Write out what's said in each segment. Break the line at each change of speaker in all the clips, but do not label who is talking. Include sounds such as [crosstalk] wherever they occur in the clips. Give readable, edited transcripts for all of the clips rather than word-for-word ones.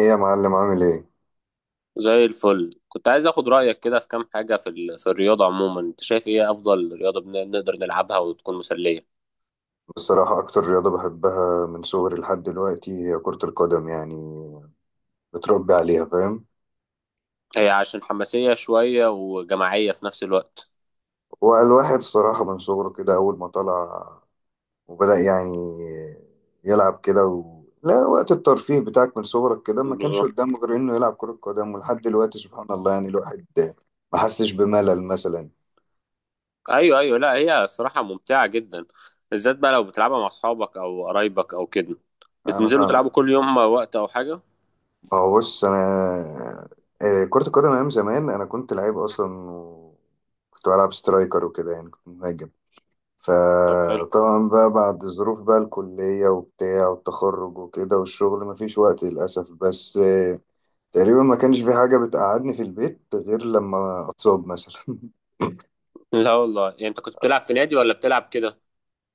ايه يا معلم؟ عامل ايه؟
زي الفل، كنت عايز اخد رأيك كده في كام حاجة في في الرياضة عموما. انت شايف ايه افضل رياضة نقدر نلعبها وتكون مسلية؟
بصراحة أكتر رياضة بحبها من صغري لحد دلوقتي هي كرة القدم، يعني متربي عليها، فاهم؟
هي عشان حماسية شوية وجماعية في نفس الوقت.
والواحد الصراحة من صغره كده أول ما طلع وبدأ يعني يلعب كده لا، وقت الترفيه بتاعك من صغرك كده ما كانش
بالظبط.
قدامه غير إنه يلعب كرة قدم، ولحد دلوقتي سبحان الله يعني الواحد ما حسش بملل مثلا.
ايوه ايوه، لا هي الصراحة ممتعة جدا، بالذات بقى لو بتلعبها مع اصحابك او قرايبك او كده،
أنا
بتنزلوا
أنا-
تلعبوا كل يوم وقت او حاجة.
ما هو بص، أنا كرة القدم أيام زمان أنا كنت لعيب أصلا، كنت بلعب سترايكر وكده، يعني كنت مهاجم.
طب حلو.
فطبعا بقى بعد الظروف بقى، الكلية وبتاع والتخرج وكده والشغل، مفيش وقت للأسف، بس تقريبا ما كانش في حاجة بتقعدني في البيت غير لما أتصاب مثلا. [laughs]
لا والله، يعني انت كنت بتلعب في نادي ولا بتلعب كده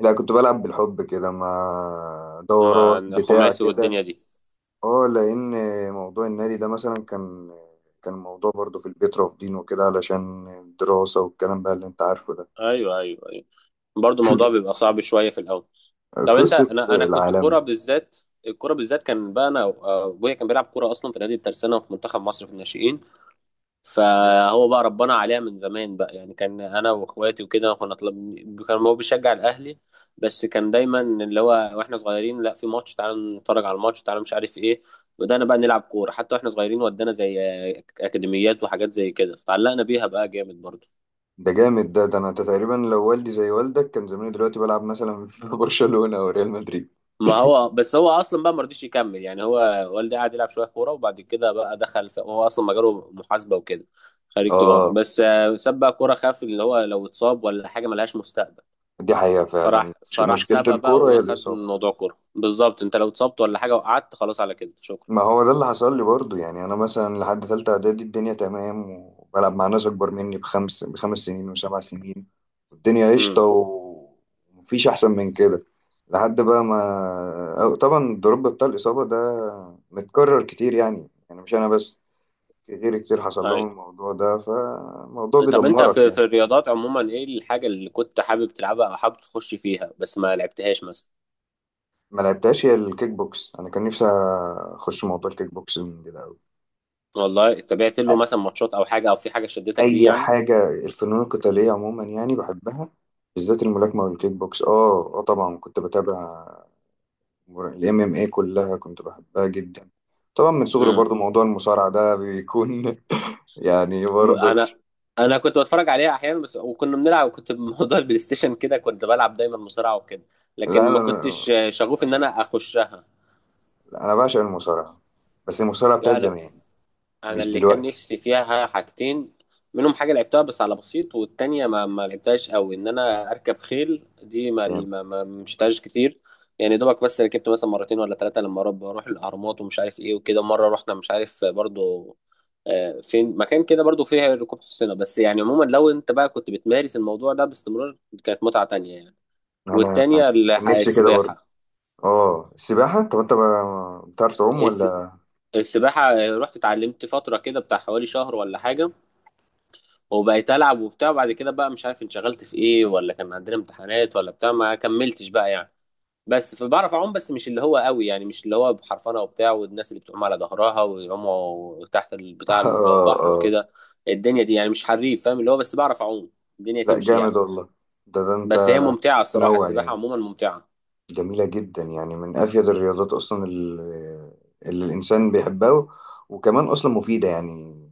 لا، كنت بلعب بالحب كده مع
مع
دورات بتاع
خماسي
كده.
والدنيا دي؟
اه، لأن موضوع النادي ده مثلا كان موضوع برضه في البيت رافضين وكده علشان الدراسة والكلام بقى اللي انت عارفه ده.
ايوه ايوه ايوه، برضه الموضوع بيبقى صعب شوية في الاول.
[laughs]
طب انت،
قصة
انا كنت
العالمي.
كوره بالذات. الكوره بالذات كان بقى انا، ابويا كان بيلعب كوره اصلا في نادي الترسانه وفي منتخب مصر في الناشئين، فهو بقى ربنا عليها من زمان بقى. يعني كان انا واخواتي وكده كنا طلب. كان هو بيشجع الاهلي، بس كان دايما اللي هو واحنا صغيرين، لا في ماتش تعالوا نتفرج على الماتش، تعالوا مش عارف ايه. بدأنا بقى نلعب كوره حتى واحنا صغيرين، ودانا زي اكاديميات وحاجات زي كده، فتعلقنا بيها بقى جامد برضه.
ده جامد، ده انا تقريبا لو والدي زي والدك كان زماني دلوقتي بلعب مثلا [laughs] في برشلونة او ريال مدريد.
ما هو بس هو اصلا بقى ما رضيش يكمل، يعني هو والدي قعد يلعب شويه كوره، وبعد كده بقى دخل في، هو اصلا مجاله محاسبه وكده، خريج تجاره،
اه،
بس ساب بقى كوره، خاف اللي هو لو اتصاب ولا حاجه ملهاش مستقبل.
دي حقيقة فعلا.
فراح فراح
مشكلة
سابها بقى
الكورة هي
وخد
الإصابة.
موضوع كوره بالظبط، انت لو اتصبت ولا حاجه وقعدت، خلاص على كده شكرا.
ما هو ده اللي حصل لي برضو، يعني انا مثلا لحد تالتة اعدادي الدنيا تمام، وبلعب مع ناس اكبر مني بخمس سنين وسبع سنين، والدنيا قشطة
امم.
ومفيش احسن من كده. لحد بقى ما، أو طبعا الدروب بتاع الإصابة ده متكرر كتير، يعني مش انا بس، في غيري كتير حصل
اي.
لهم الموضوع ده، فالموضوع
طب انت
بيدمرك
في في
يعني.
الرياضات عموما ايه الحاجه اللي كنت حابب تلعبها او حابب تخش فيها بس ما لعبتهاش مثلا؟
ما لعبتهاش هي الكيك بوكس. انا كان نفسي اخش موضوع الكيك بوكس من كده قوي.
والله تابعت له مثلا ماتشات او حاجه، او في حاجه شدتك ليه
اي
يعني؟
حاجه، الفنون القتاليه عموما يعني بحبها، بالذات الملاكمه والكيك بوكس. اه اه، طبعا كنت بتابع. الام ام اي كلها كنت بحبها جدا. طبعا من صغري برضو موضوع المصارعه ده بيكون [laughs] يعني برضو.
انا، انا كنت بتفرج عليها احيانا بس، وكنا بنلعب، كنت بموضوع [laughs] البلاي ستيشن كده، كنت بلعب دايما مصارعه وكده، لكن
لا
ما
انا
كنتش شغوف ان
عشان
انا اخشها.
لا، انا بعشق المصارعه، بس المصارعه بتاعت
يعني
زمان
انا
مش
اللي كان
دلوقتي.
نفسي فيها حاجتين، منهم حاجه لعبتها بس على بسيط، والتانيه ما لعبتهاش قوي، ان انا اركب خيل. دي ما مشتهاش كتير، يعني دوبك بس ركبت مثلا مرتين ولا ثلاثه لما رب اروح الاهرامات ومش عارف ايه وكده. مره رحنا مش عارف برضو فين مكان كده برضو فيه ركوب حصينة. بس يعني عموما، لو انت بقى كنت بتمارس الموضوع ده باستمرار، كانت متعة تانية يعني.
انا
والتانية
كان نفسي كده برضه.
السباحة.
اه، السباحه. طب انت بتعرف تعوم
الس-
ولا؟
السباحة رحت اتعلمت فترة كده بتاع حوالي شهر ولا حاجة، وبقيت ألعب وبتاع، وبعد كده بقى مش عارف انشغلت في ايه، ولا كان عندنا امتحانات ولا بتاع، ما كملتش بقى يعني. بس فبعرف اعوم، بس مش اللي هو قوي. يعني مش اللي هو بحرفنة وبتاع، والناس اللي بتعوم على ظهرها ويعوموا تحت بتاع
[laughs] اه
البحر
اه.
وكده الدنيا دي، يعني مش حريف، فاهم اللي هو، بس بعرف اعوم، الدنيا
لا
تمشي
جامد
يعني.
والله. ده انت
بس هي ممتعة الصراحة،
تنوع
السباحة
يعني.
عموما ممتعة.
جميله جدا، يعني من افيد الرياضات اصلا، اللي الانسان بيحبها، وكمان اصلا مفيده يعني.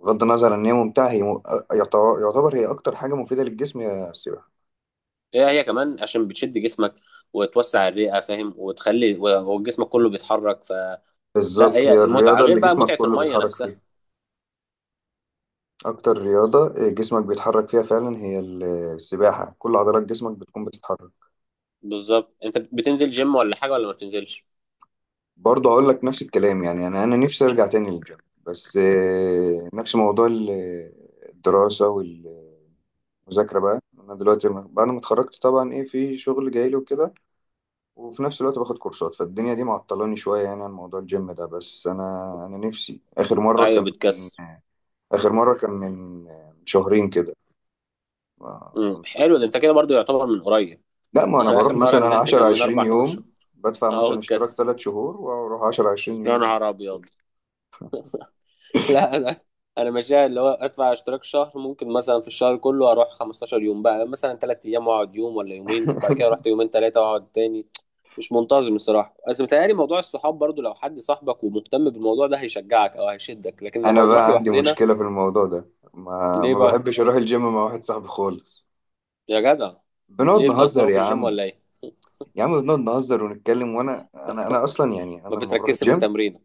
بغض النظر ان هي ممتعه، يعتبر هي اكتر حاجه مفيده للجسم هي السباحه.
هي هي كمان عشان بتشد جسمك وتوسع الرئة، فاهم، وتخلي وجسمك كله بيتحرك فلا.
بالظبط، هي
هي متعة
الرياضه
غير
اللي
بقى
جسمك
متعة
كله
المية
بيتحرك
نفسها.
فيها. اكتر رياضه جسمك بيتحرك فيها فعلا هي السباحه، كل عضلات جسمك بتكون بتتحرك.
بالظبط. انت بتنزل جيم ولا حاجة ولا ما بتنزلش؟
برضه هقول لك نفس الكلام، يعني انا نفسي ارجع تاني للجيم، بس نفس موضوع الدراسه والمذاكره بقى. انا دلوقتي بعد ما اتخرجت طبعا، ايه، في شغل جاي لي وكده، وفي نفس الوقت باخد كورسات، فالدنيا دي معطلاني شويه يعني عن موضوع الجيم ده. بس انا نفسي،
ايوه بتكسر.
اخر مره كان من شهرين كده. ما كنت
حلو، ده انت كده برضو يعتبر من قريب.
لا، ما
[laughs]
انا
انا
بروح
اخر مرة
مثلا
نزلت
10
كان من
20
اربع خمس
يوم،
شهور
بدفع
اهو
مثلا اشتراك
اتكسر.
3 شهور واروح 10 20
يا
يوم.
نهار ابيض. [laughs] لا انا، انا ماشيها اللي هو ادفع اشتراك شهر، ممكن مثلا في الشهر كله اروح 15 يوم، بقى مثلا 3 ايام واقعد يوم ولا يومين، بعد كده رحت يومين ثلاثه واقعد تاني. مش منتظم الصراحه، بس متهيألي موضوع الصحاب برضو، لو حد صاحبك ومهتم بالموضوع ده هيشجعك او هيشدك، لكن لما
انا
بنروح
بقى عندي
لوحدنا.
مشكله في الموضوع ده، ما
ليه
ما
بقى؟
بحبش اروح الجيم مع واحد صاحبي خالص.
يا جدع،
بنقعد
ليه
نهزر
بتهزروا في
يا
الجيم
عم.
ولا ايه؟
يا عم بنقعد نهزر ونتكلم، وانا انا انا اصلا يعني،
ما
انا لما بروح
بتركزش في
الجيم،
التمرين.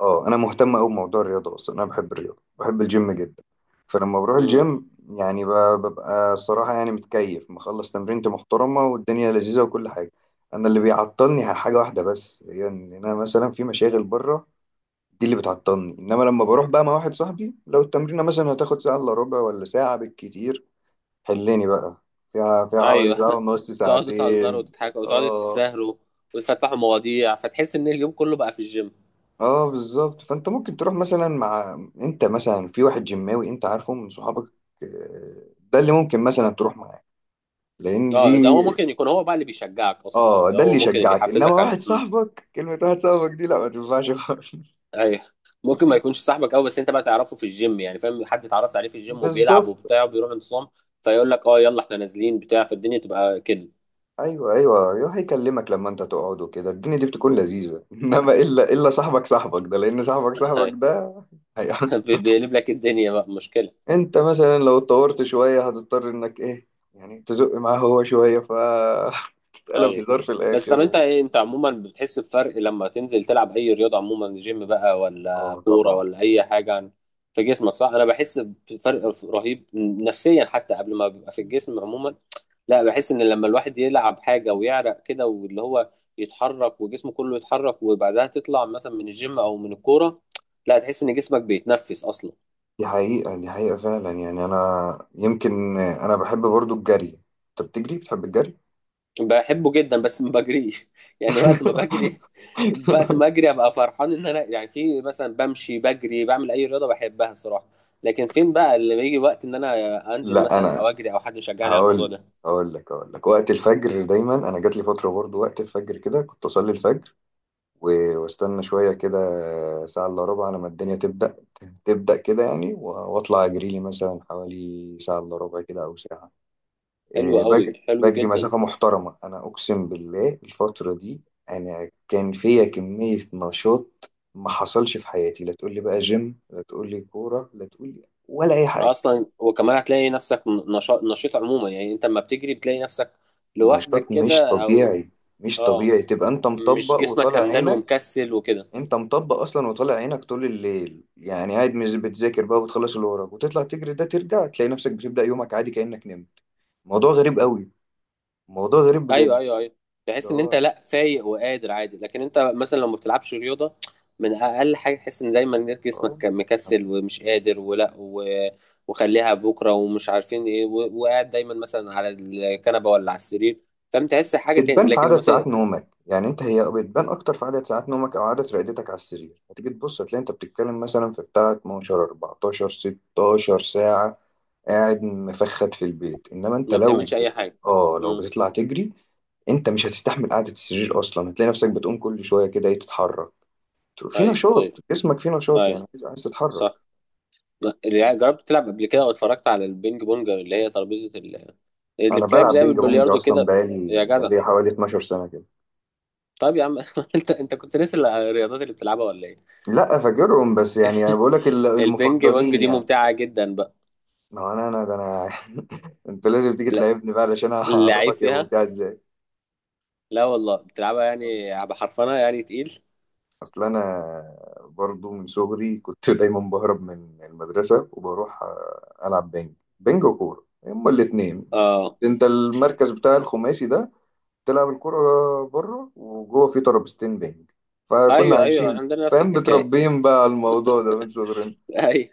اه، انا مهتم قوي بموضوع الرياضه اصلا، انا بحب الرياضه، بحب الجيم جدا. فلما بروح
امم.
الجيم يعني ببقى الصراحه يعني متكيف، مخلص تمرينتي محترمه، والدنيا لذيذه وكل حاجه. انا اللي بيعطلني حاجه واحده بس، هي ان انا مثلا في مشاغل بره، دي اللي بتعطلني. انما لما بروح بقى مع واحد صاحبي، لو التمرينه مثلا هتاخد ساعه الا ربع ولا ساعه بالكتير، حلني بقى، فيها حوالي
ايوه.
ساعه
[laughs]
ونص،
تقعدوا تهزروا
ساعتين.
وتضحكوا وتقعدوا
اه
تسهروا وتفتحوا مواضيع، فتحس ان اليوم كله بقى في الجيم.
اه بالظبط. فانت ممكن تروح مثلا مع، انت مثلا في واحد جماوي انت عارفه من صحابك، آه، ده اللي ممكن مثلا تروح معاه، لان
اه ده
دي
هو ممكن يكون هو بقى اللي بيشجعك اصلا، يعني
اه،
ده
ده
هو
اللي
ممكن اللي
يشجعك. انما
يحفزك على،
واحد
امم.
صاحبك، كلمه واحد صاحبك دي لا ما تنفعش خالص.
ايوه، ممكن ما يكونش صاحبك قوي، بس انت بقى تعرفه في الجيم، يعني فاهم، حد اتعرفت عليه في الجيم، وبيلعب
بالظبط.
وبتاع وبيروح انتصام، فيقول لك اه يلا احنا نازلين بتاع، فالدنيا تبقى كده.
ايوه ايوه، يروح يكلمك لما انت تقعد وكده، الدنيا دي بتكون لذيذه. [laughs] انما الا صاحبك، صاحبك ده، لان صاحبك، صاحبك
[laughs]
ده هي-
بيقلب لك الدنيا بقى مشكلة.
[laughs] انت مثلا لو اتطورت شويه هتضطر انك ايه، يعني تزق معاه هو شويه، ف [laughs] تتقلب
ايوه.
هزار في
بس طب
الاخر.
انت ايه، انت عموما بتحس بفرق لما تنزل تلعب اي رياضه عموما، جيم بقى
اه
ولا كوره
طبعا.
ولا اي حاجه، في جسمك، صح؟ انا بحس بفرق رهيب نفسيا، حتى قبل ما بيبقى في الجسم عموما. لا بحس ان لما الواحد يلعب حاجه ويعرق كده، واللي هو يتحرك وجسمه كله يتحرك، وبعدها تطلع مثلا من الجيم او من الكوره، لا تحس ان جسمك بيتنفس اصلا.
دي حقيقه فعلا، يعني انا يمكن انا بحب برضو الجري. انت بتجري؟ بتحب الجري؟
بحبه جدا، بس ما بجريش [laughs] يعني وقت ما
[laughs]
بجري. وقت ما اجري ابقى فرحان ان انا يعني في، مثلا بمشي، بجري، بعمل اي رياضه، بحبها الصراحه. لكن فين بقى اللي بيجي وقت ان انا انزل
لا
مثلا او
انا،
اجري او حد يشجعني على الموضوع
هقول
ده.
هقول لك، وقت الفجر دايما، انا جات لي فتره برضو وقت الفجر كده، كنت اصلي الفجر واستنى شوية كده، ساعة إلا ربع، لما الدنيا تبدأ كده يعني وأطلع أجري لي مثلا حوالي ساعة إلا ربع كده أو ساعة.
حلو
إيه،
قوي،
بجري
حلو
بجري
جدا.
مسافة محترمة. أنا أقسم بالله الفترة دي أنا كان فيا كمية نشاط ما حصلش في حياتي، لا تقول لي بقى جيم، لا تقول لي كورة، لا تقول لي ولا أي حاجة.
اصلا وكمان هتلاقي نفسك نشاط، نشيط عموما، يعني انت لما بتجري بتلاقي نفسك
نشاط
لوحدك
مش
كده او،
طبيعي. مش
اه
طبيعي تبقى أنت
مش
مطبق
جسمك
وطالع
همدان
عينك.
ومكسل وكده.
انت مطبق اصلا وطالع عينك طول الليل، يعني قاعد مش بتذاكر بقى وتخلص اللي وراك وتطلع تجري، ده ترجع تلاقي نفسك بتبدأ يومك عادي كأنك نمت. موضوع غريب قوي. موضوع غريب
ايوه
بجد.
ايوه ايوه،
اللي
تحس ان انت
هو
لا فايق وقادر عادي، لكن انت مثلا لو ما بتلعبش رياضه، من اقل حاجه تحس ان دايما إنك
اه
جسمك مكسل ومش قادر وخليها بكره ومش عارفين ايه وقاعد دايما مثلا على الكنبه ولا على السرير، فانت تحس حاجه تاني،
بتبان في
لكن
عدد ساعات نومك، يعني انت، هي بتبان اكتر في عدد ساعات نومك او عدد رقدتك على السرير. هتيجي تبص هتلاقي انت بتتكلم مثلا في بتاع 12 14 16 ساعة قاعد مفخد في البيت، انما انت
ما
لو
بتعملش اي حاجه.
اه لو
امم.
بتطلع تجري، انت مش هتستحمل قعدة السرير اصلا، هتلاقي نفسك بتقوم كل شوية كده، ايه، تتحرك، في
ايوه
نشاط،
ايوه
جسمك فيه نشاط يعني،
ايوه.
عايز عايز تتحرك.
صح. لا، اللي جربت تلعب قبل كده واتفرجت على البينج بونج، اللي هي ترابيزه اللي
انا
بتلعب
بلعب
زي
بينج بونج
بالبلياردو
اصلا
كده؟ يا
بقالي
جدع،
بقالي حوالي 12 سنة كده.
طب يا عم [laughs] انت انت كنت ناسي الرياضات اللي بتلعبها ولا ايه؟
لا فاكرهم، بس يعني انا بقول لك
البينج
المفضلين
بونج دي
يعني.
ممتعة جدا بقى.
ما هو انا ده انا [laughs] انت لازم تيجي
لا
تلعبني بقى علشان
اللعيب
اعرفك يا
فيها.
ممتاز.
لا والله بتلعبها يعني
ازاي؟
بحرفنة، يعني تقيل.
اصل انا برضو من صغري كنت [laughs] دايما بهرب من المدرسه وبروح العب بنج. بنج وكوره هما الاثنين.
اه.
انت المركز بتاع الخماسي ده، تلعب الكوره بره وجوه، في ترابيزتين بنج، فكنا
ايوه ايوه،
عايشين،
عندنا نفس
فاهم،
الحكاية. [laughs]
متربيين بقى على الموضوع ده من صغرنا.
ايوه.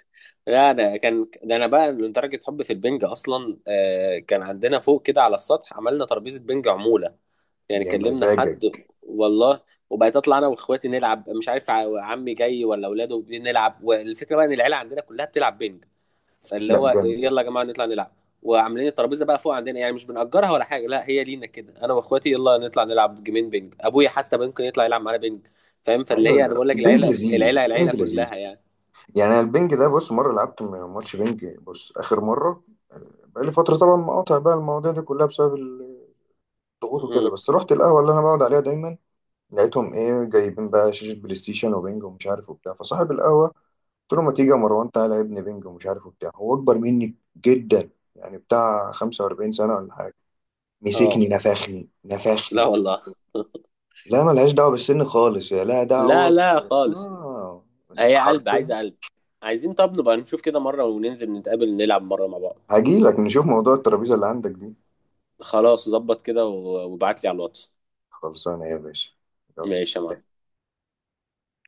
لا انا كان ده انا بقى لدرجة حب في البنج اصلا، آه كان عندنا فوق كده على السطح، عملنا ترابيزة بنج عمولة، يعني
يا
كلمنا حد.
مزاجك.
والله، وبقيت اطلع انا واخواتي نلعب، مش عارف عمي جاي ولا اولاده، بنلعب، والفكره بقى ان العيله عندنا كلها بتلعب بينج، فاللي
لا
هو
جامد.
إيه، يلا يا جماعه نطلع نلعب، وعاملين الترابيزه بقى فوق عندنا، يعني مش بنأجرها ولا حاجه، لا هي لينا كده، انا واخواتي يلا نطلع نلعب جيمين بينج، ابويا حتى ممكن يطلع يلعب معانا بينج، فاهم، فاللي
ايوه،
هي انا
لا،
بقول لك،
البنج
العيله
لذيذ،
العيله العيله
البنج لذيذ،
كلها يعني.
يعني. أنا البنج ده بص، مره لعبت ماتش بنج، بص، اخر مره بقالي فتره طبعا، مقاطع بقى المواضيع دي كلها بسبب ضغوط وكده،
امم.
بس رحت القهوة اللي أنا بقعد عليها دايما، لقيتهم إيه، جايبين بقى شاشة بلاي ستيشن وبنج ومش عارف وبتاع. فصاحب القهوة قلت له: ما تيجي يا مروان، تعالى يا ابني بنج ومش عارف وبتاع. هو أكبر مني جدا، يعني بتاع 45 سنة ولا حاجة. مسكني
اه.
نفخني
لا
نفخني.
والله.
لا ملهاش دعوة بالسن خالص، يا لا
لا
دعوة ب...
لا خالص.
آه
هي قلب،
حرفيا.
عايزه قلب. عايزين، طب نبقى نشوف كده مره وننزل نتقابل نلعب مره مع بعض.
هجيلك نشوف موضوع الترابيزة اللي عندك دي.
خلاص ظبط كده وابعت لي على الواتس.
خلصانة يا باشا.
ماشي يا
يلا.
معلم.